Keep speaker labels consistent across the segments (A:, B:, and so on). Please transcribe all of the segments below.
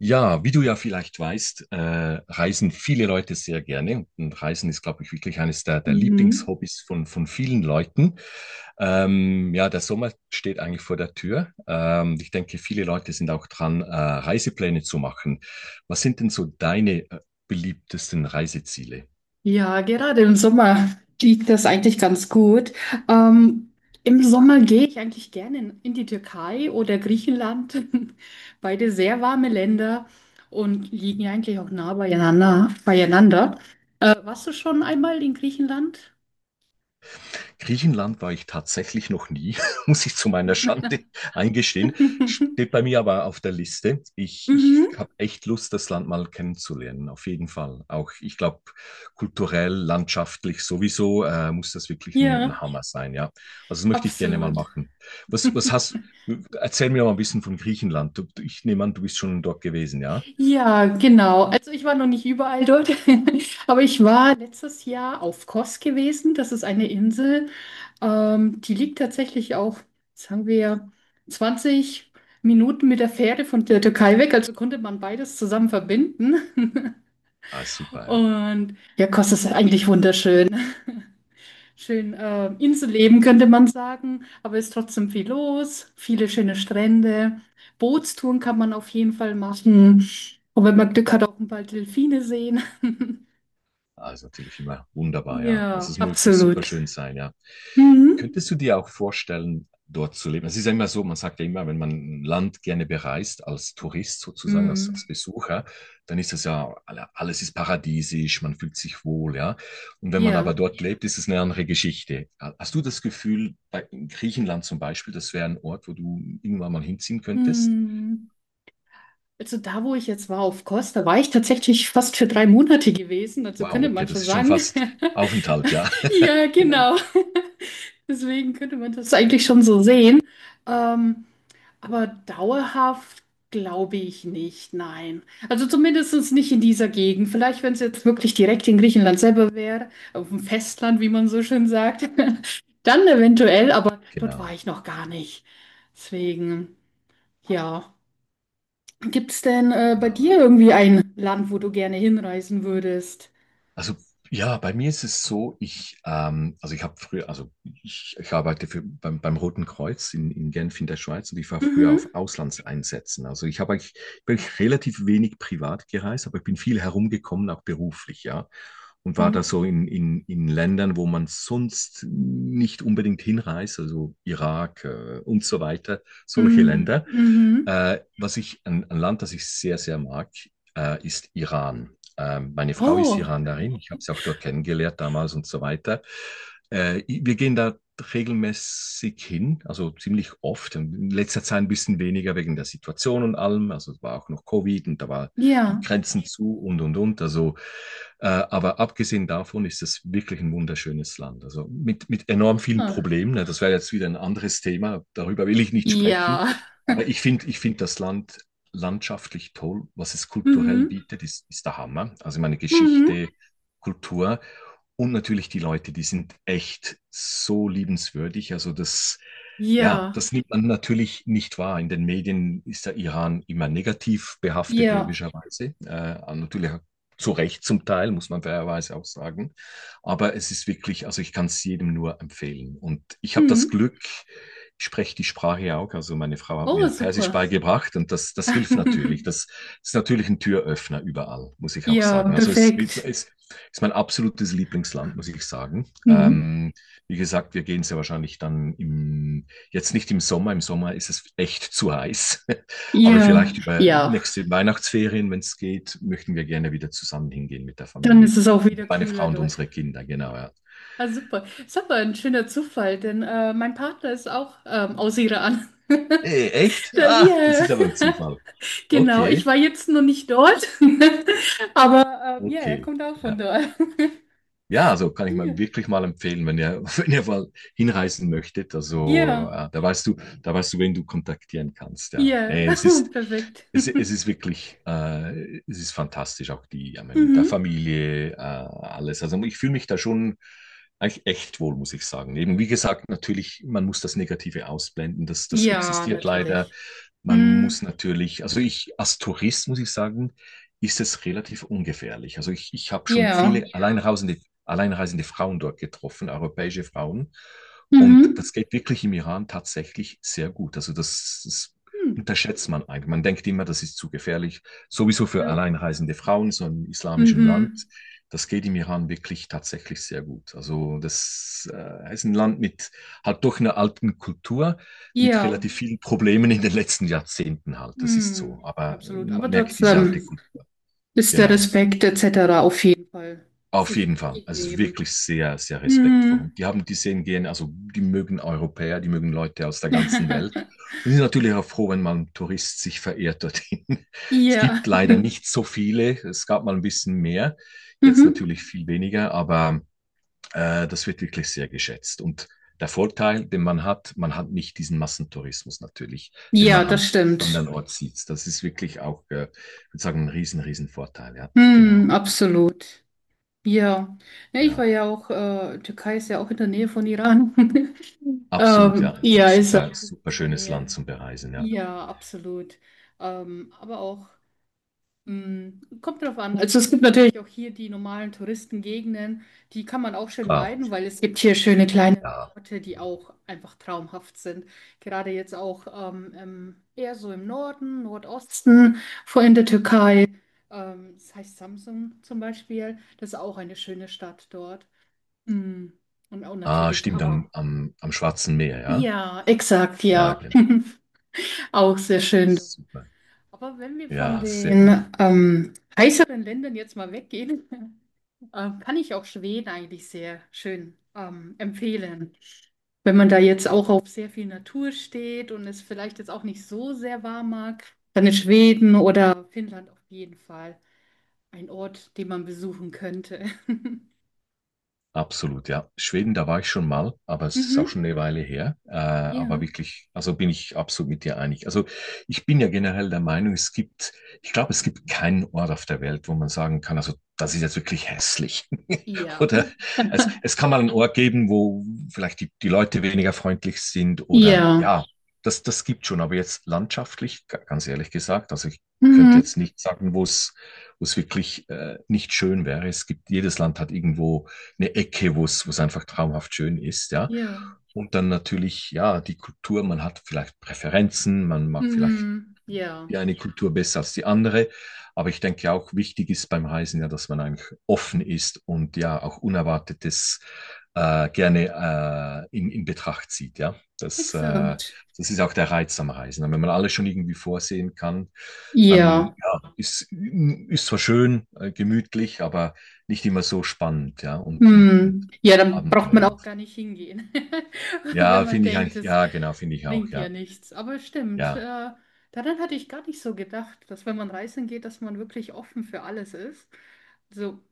A: Ja, wie du ja vielleicht weißt, reisen viele Leute sehr gerne. Und Reisen ist, glaube ich, wirklich eines der
B: Mhm.
A: Lieblingshobbys von vielen Leuten. Ja, der Sommer steht eigentlich vor der Tür. Ich denke, viele Leute sind auch dran, Reisepläne zu machen. Was sind denn so deine, beliebtesten Reiseziele?
B: Ja, gerade im Sommer liegt das eigentlich ganz gut. Ähm, Im Sommer gehe ich eigentlich gerne in die Türkei oder Griechenland. Beide sehr warme Länder und liegen ja eigentlich auch nah beieinander. Warst du schon einmal in Griechenland?
A: Griechenland war ich tatsächlich noch nie, muss ich zu meiner Schande eingestehen. Steht bei mir aber auf der Liste. Ich
B: Mhm.
A: habe echt Lust, das Land mal kennenzulernen, auf jeden Fall. Auch ich glaube, kulturell, landschaftlich sowieso muss das wirklich ein,
B: Ja,
A: ein Hammer sein, ja. Also das möchte ich gerne mal
B: absolut.
A: machen. Was, was hast, erzähl mir mal ein bisschen von Griechenland. Ich nehme an, du bist schon dort gewesen, ja?
B: Ja, genau. Also ich war noch nicht überall dort, aber ich war letztes Jahr auf Kos gewesen. Das ist eine Insel. Die liegt tatsächlich auch, sagen wir, 20 Minuten mit der Fähre von der Türkei weg. Also konnte man beides zusammen verbinden.
A: Ah, super, ja.
B: Und ja, Kos ist eigentlich wunderschön. Schön, Inselleben könnte man sagen, aber ist trotzdem viel los, viele schöne Strände. Bootstouren kann man auf jeden Fall machen. Und wenn man Glück hat, auch ein paar Delfine sehen.
A: Ah, ist natürlich immer wunderbar, ja. Also
B: Ja,
A: es muss wirklich super
B: absolut.
A: schön sein, ja.
B: Mhm.
A: Könntest du dir auch vorstellen, dort zu leben? Es ist ja immer so, man sagt ja immer, wenn man ein Land gerne bereist, als Tourist sozusagen, als
B: Mhm.
A: Besucher, dann ist das ja, alles ist paradiesisch, man fühlt sich wohl, ja. Und wenn man
B: Ja.
A: aber dort lebt, ist es eine andere Geschichte. Hast du das Gefühl, bei in Griechenland zum Beispiel, das wäre ein Ort, wo du irgendwann mal hinziehen könntest?
B: Mhm. Also da, wo ich jetzt war auf Kos, war ich tatsächlich fast für 3 Monate gewesen. Also
A: Wow,
B: könnte
A: okay,
B: man
A: das
B: schon
A: ist schon
B: sagen.
A: fast Aufenthalt, ja.
B: Ja,
A: Genau,
B: genau. Deswegen könnte man das eigentlich schon so sehen. Ähm, aber dauerhaft glaube ich nicht, nein. Also zumindest nicht in dieser Gegend. Vielleicht, wenn es jetzt wirklich direkt in Griechenland selber wäre, auf dem Festland, wie man so schön sagt, dann eventuell, aber dort war
A: genau,
B: ich noch gar nicht. Deswegen, ja. Gibt es denn bei
A: genau,
B: dir
A: ja.
B: irgendwie ein Land, wo du gerne hinreisen würdest?
A: Also ja, bei mir ist es so, ich, also ich habe früher, also ich arbeite für, beim Roten Kreuz in Genf in der Schweiz und ich war früher auf
B: Mhm.
A: Auslandseinsätzen. Also ich habe eigentlich wirklich relativ wenig privat gereist, aber ich bin viel herumgekommen, auch beruflich, ja. Und war da
B: Mhm.
A: so in Ländern, wo man sonst nicht unbedingt hinreist, also Irak, und so weiter, solche
B: Mhm.
A: Länder.
B: Mhm.
A: Ein Land, das ich sehr, sehr mag, ist Iran. Meine Frau ist
B: Oh,
A: Iranerin, ich habe sie auch dort kennengelernt damals und so weiter. Wir gehen da regelmäßig hin, also ziemlich oft. In letzter Zeit ein bisschen weniger wegen der Situation und allem. Also es war auch noch Covid und da war die
B: ja.
A: Grenzen zu und und. Also, aber abgesehen davon ist es wirklich ein wunderschönes Land. Also mit enorm vielen
B: Ah.
A: Problemen, ne? Das wäre jetzt wieder ein anderes Thema. Darüber will ich nicht sprechen.
B: Ja.
A: Aber ich finde das Land landschaftlich toll, was es kulturell
B: Mhm.
A: bietet, ist der Hammer. Also meine
B: Mhm.
A: Geschichte, Kultur. Und natürlich die Leute, die sind echt so liebenswürdig. Also das, ja,
B: Ja.
A: das nimmt man natürlich nicht wahr. In den Medien ist der Iran immer negativ behaftet,
B: Ja.
A: logischerweise. Natürlich zu Recht zum Teil, muss man fairerweise auch sagen. Aber es ist wirklich, also ich kann es jedem nur empfehlen. Und ich habe das
B: Mhm.
A: Glück, ich spreche die Sprache ja auch. Also meine Frau hat
B: Oh,
A: mir Persisch
B: super.
A: beigebracht und das hilft natürlich. Das ist natürlich ein Türöffner überall, muss ich auch
B: Ja,
A: sagen.
B: perfekt.
A: Es, ist mein absolutes Lieblingsland, muss ich sagen.
B: Mhm.
A: Wie gesagt, wir gehen sehr wahrscheinlich dann im, jetzt nicht im Sommer. Im Sommer ist es echt zu heiß. Aber
B: Ja.
A: vielleicht über
B: Ja.
A: nächste Weihnachtsferien, wenn es geht, möchten wir gerne wieder zusammen hingehen mit der
B: Dann
A: Familie.
B: ist es auch wieder
A: Meine Frau
B: kühler
A: und
B: dort.
A: unsere Kinder, genau, ja.
B: Ah, super. Ist aber ein schöner Zufall, denn mein Partner ist auch aus Iran.
A: Nee, echt?
B: Da,
A: Ah, das
B: yeah.
A: ist aber ein Zufall.
B: Genau, ich
A: Okay,
B: war jetzt noch nicht dort, aber ja, er
A: okay.
B: kommt auch von
A: Ja.
B: dort.
A: Ja, also kann ich mal
B: Ja,
A: wirklich mal empfehlen, wenn ihr, wenn ihr mal hinreisen möchtet. Also,
B: ja,
A: da weißt du, wen du kontaktieren kannst. Ja,
B: ja,
A: nee,
B: perfekt.
A: es ist wirklich, es ist fantastisch, auch die, ja, meine, mit der
B: Mhm.
A: Familie, alles. Also, ich fühle mich da schon eigentlich echt wohl, muss ich sagen. Eben, wie gesagt, natürlich, man muss das Negative ausblenden. Das
B: Ja,
A: existiert leider.
B: natürlich.
A: Man muss
B: Hm.
A: natürlich, also ich als Tourist muss ich sagen, ist es relativ ungefährlich. Also ich habe schon
B: Ja.
A: viele alleinreisende Frauen dort getroffen, europäische Frauen. Und
B: Mhm.
A: das geht wirklich im Iran tatsächlich sehr gut. Also das
B: Hm.
A: unterschätzt man eigentlich. Man denkt immer, das ist zu gefährlich, sowieso für
B: Ja.
A: alleinreisende Frauen, so im islamischen
B: Mhm.
A: Land. Das geht im Iran wirklich tatsächlich sehr gut. Also das ist ein Land mit halt doch einer alten Kultur, mit
B: Ja.
A: relativ vielen Problemen in den letzten Jahrzehnten halt. Das ist so.
B: Hm.
A: Aber
B: Absolut.
A: man
B: Aber
A: merkt diese alte
B: trotzdem
A: Kultur.
B: ist der
A: Genau.
B: Respekt etc. auf jeden Fall
A: Auf jeden
B: sicherlich
A: Fall. Also
B: gegeben.
A: wirklich sehr, sehr respektvoll. Und
B: Mhm.
A: die haben die sehen gehen, also die mögen Europäer, die mögen Leute aus der ganzen Welt. Und die sind natürlich auch froh, wenn mal ein Tourist sich verehrt dorthin. Es gibt
B: Ja.
A: leider nicht so viele. Es gab mal ein bisschen mehr, jetzt
B: Mhm.
A: natürlich viel weniger, aber das wird wirklich sehr geschätzt. Und der Vorteil, den man hat nicht diesen Massentourismus natürlich, den man
B: Ja, das
A: an
B: stimmt.
A: andernorts sieht. Das ist wirklich auch, ich würde sagen, ein riesen Vorteil. Ja, genau.
B: Hm, absolut. Ja. Ja, ich
A: Ja.
B: war ja auch, Türkei ist ja auch in der Nähe von Iran.
A: Absolut, ja. Ist ein
B: Ja, ist ja
A: super,
B: auch in
A: super
B: der
A: schönes Land
B: Nähe.
A: zum Bereisen, ja.
B: Ja, absolut. Aber auch. Hm, kommt drauf an. Also es gibt natürlich auch hier die normalen Touristengegenden, die kann man auch schön
A: Klar,
B: meiden, weil es gibt hier schöne kleinere
A: ja.
B: Orte, die auch einfach traumhaft sind. Gerade jetzt auch eher so im Norden, Nordosten, vor in der Türkei. Das heißt Samsun zum Beispiel. Das ist auch eine schöne Stadt dort. Hm. Und auch
A: Ah,
B: natürlich,
A: stimmt,
B: aber
A: am Schwarzen Meer, ja?
B: ja, exakt,
A: Ja,
B: ja,
A: genau.
B: auch sehr schön.
A: Super.
B: Aber wenn wir von
A: Ja, sehr, ne.
B: den heißeren Ländern jetzt mal weggehen, kann ich auch Schweden eigentlich sehr schön empfehlen. Wenn man da jetzt auch auf sehr viel Natur steht und es vielleicht jetzt auch nicht so sehr warm mag, dann ist Schweden oder Finnland auf jeden Fall ein Ort, den man besuchen könnte.
A: Absolut, ja. Schweden, da war ich schon mal, aber es ist auch
B: Mhm.
A: schon eine Weile her. Aber
B: Ja.
A: wirklich, also bin ich absolut mit dir einig. Also ich bin ja generell der Meinung, es gibt, ich glaube, es gibt keinen Ort auf der Welt, wo man sagen kann, also das ist jetzt wirklich hässlich.
B: Ja.
A: Oder es kann mal einen Ort geben, wo vielleicht die Leute weniger freundlich sind oder
B: Ja.
A: ja, das gibt schon. Aber jetzt landschaftlich, ganz ehrlich gesagt, also ich könnte
B: Mhm.
A: jetzt nicht sagen, wo es wirklich nicht schön wäre. Es gibt, jedes Land hat irgendwo eine Ecke, wo es einfach traumhaft schön ist, ja.
B: Ja.
A: Und dann natürlich, ja, die Kultur, man hat vielleicht Präferenzen, man mag vielleicht
B: Mhm.
A: die
B: Ja.
A: eine Kultur besser als die andere. Aber ich denke auch wichtig ist beim Reisen ja, dass man eigentlich offen ist und ja auch Unerwartetes gerne in Betracht zieht. Ja, das,
B: Exakt.
A: das ist auch der Reiz am Reisen. Und wenn man alles schon irgendwie vorsehen kann, dann
B: Ja.
A: ja, ist zwar schön, gemütlich, aber nicht immer so spannend, ja, und
B: Hm. Ja, dann braucht man auch gar
A: abenteuerhaft.
B: nicht hingehen, wenn
A: Ja,
B: man
A: finde ich
B: denkt,
A: eigentlich,
B: es
A: ja, genau, finde ich auch,
B: bringt ja
A: ja.
B: nichts. Aber stimmt,
A: Ja,
B: daran hatte ich gar nicht so gedacht, dass wenn man reisen geht, dass man wirklich offen für alles ist. So,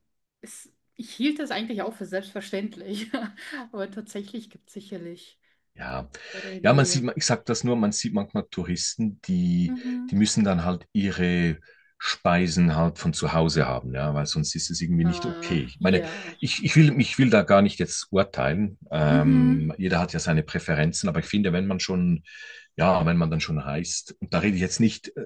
B: es, ich hielt das eigentlich auch für selbstverständlich, aber tatsächlich gibt es sicherlich
A: Ja,
B: andere,
A: ja, man
B: die.
A: sieht, ich sag das nur, man sieht manchmal Touristen, die, die
B: Mhm.
A: müssen dann halt ihre Speisen halt von zu Hause haben, ja, weil sonst ist es irgendwie nicht okay. Ich meine,
B: Ja.
A: ich will da gar nicht jetzt urteilen.
B: Mhm.
A: Jeder hat ja seine Präferenzen, aber ich finde, wenn man schon, ja, wenn man dann schon reist, und da rede ich jetzt nicht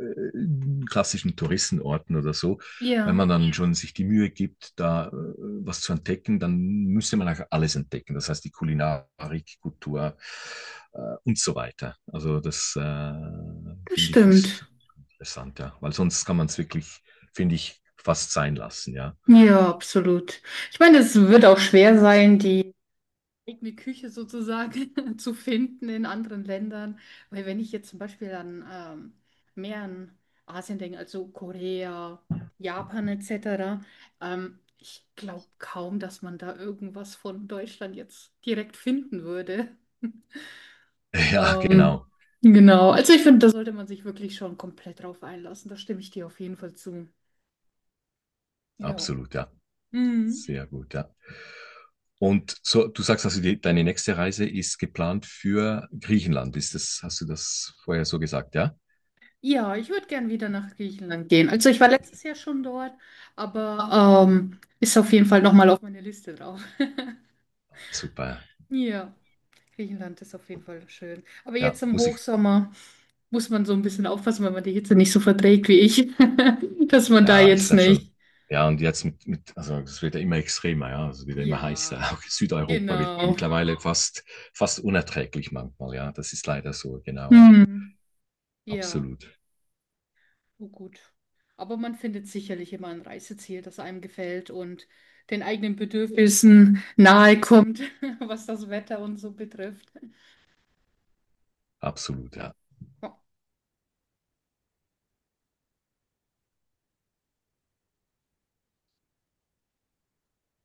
A: klassischen Touristenorten oder so, wenn
B: Ja,
A: man dann schon sich die Mühe gibt, da was zu entdecken, dann müsste man auch alles entdecken. Das heißt, die Kulinarik, Kultur äh, und so weiter. Also das
B: das
A: finde ich ist
B: stimmt.
A: interessant, ja. Weil sonst kann man es wirklich, finde ich, fast sein lassen, ja.
B: Ja, absolut. Ich meine, es wird auch schwer sein, die eigene Küche sozusagen zu finden in anderen Ländern. Weil wenn ich jetzt zum Beispiel an mehr an Asien denke, also Korea, Japan etc., ich glaube kaum, dass man da irgendwas von Deutschland jetzt direkt finden würde.
A: Ja,
B: Ähm,
A: genau.
B: genau, also ich finde, da sollte man sich wirklich schon komplett drauf einlassen. Da stimme ich dir auf jeden Fall zu. Ja.
A: Absolut, ja.
B: Mhm.
A: Sehr gut, ja. Und so, du sagst also, deine nächste Reise ist geplant für Griechenland. Ist das, hast du das vorher so gesagt, ja?
B: Ja, ich würde gern wieder nach Griechenland gehen. Also ich war letztes Jahr schon dort, aber ist auf jeden Fall nochmal auf meine Liste drauf.
A: Super.
B: Ja, Griechenland ist auf jeden Fall schön. Aber
A: Ja,
B: jetzt im
A: muss ich,
B: Hochsommer muss man so ein bisschen aufpassen, wenn man die Hitze nicht so verträgt wie ich, dass man da
A: Ja, das ist
B: jetzt
A: dann schon.
B: nicht.
A: Ja, und jetzt also es wird ja immer extremer, ja, also es wird ja immer heißer.
B: Ja,
A: Auch Südeuropa wird
B: genau.
A: mittlerweile fast, fast unerträglich manchmal, ja. Das ist leider so, genau, ja.
B: Hm. Ja,
A: Absolut,
B: oh gut. Aber man findet sicherlich immer ein Reiseziel, das einem gefällt und den eigenen Bedürfnissen nahe kommt, was das Wetter und so betrifft.
A: absolut, ja.
B: Ja.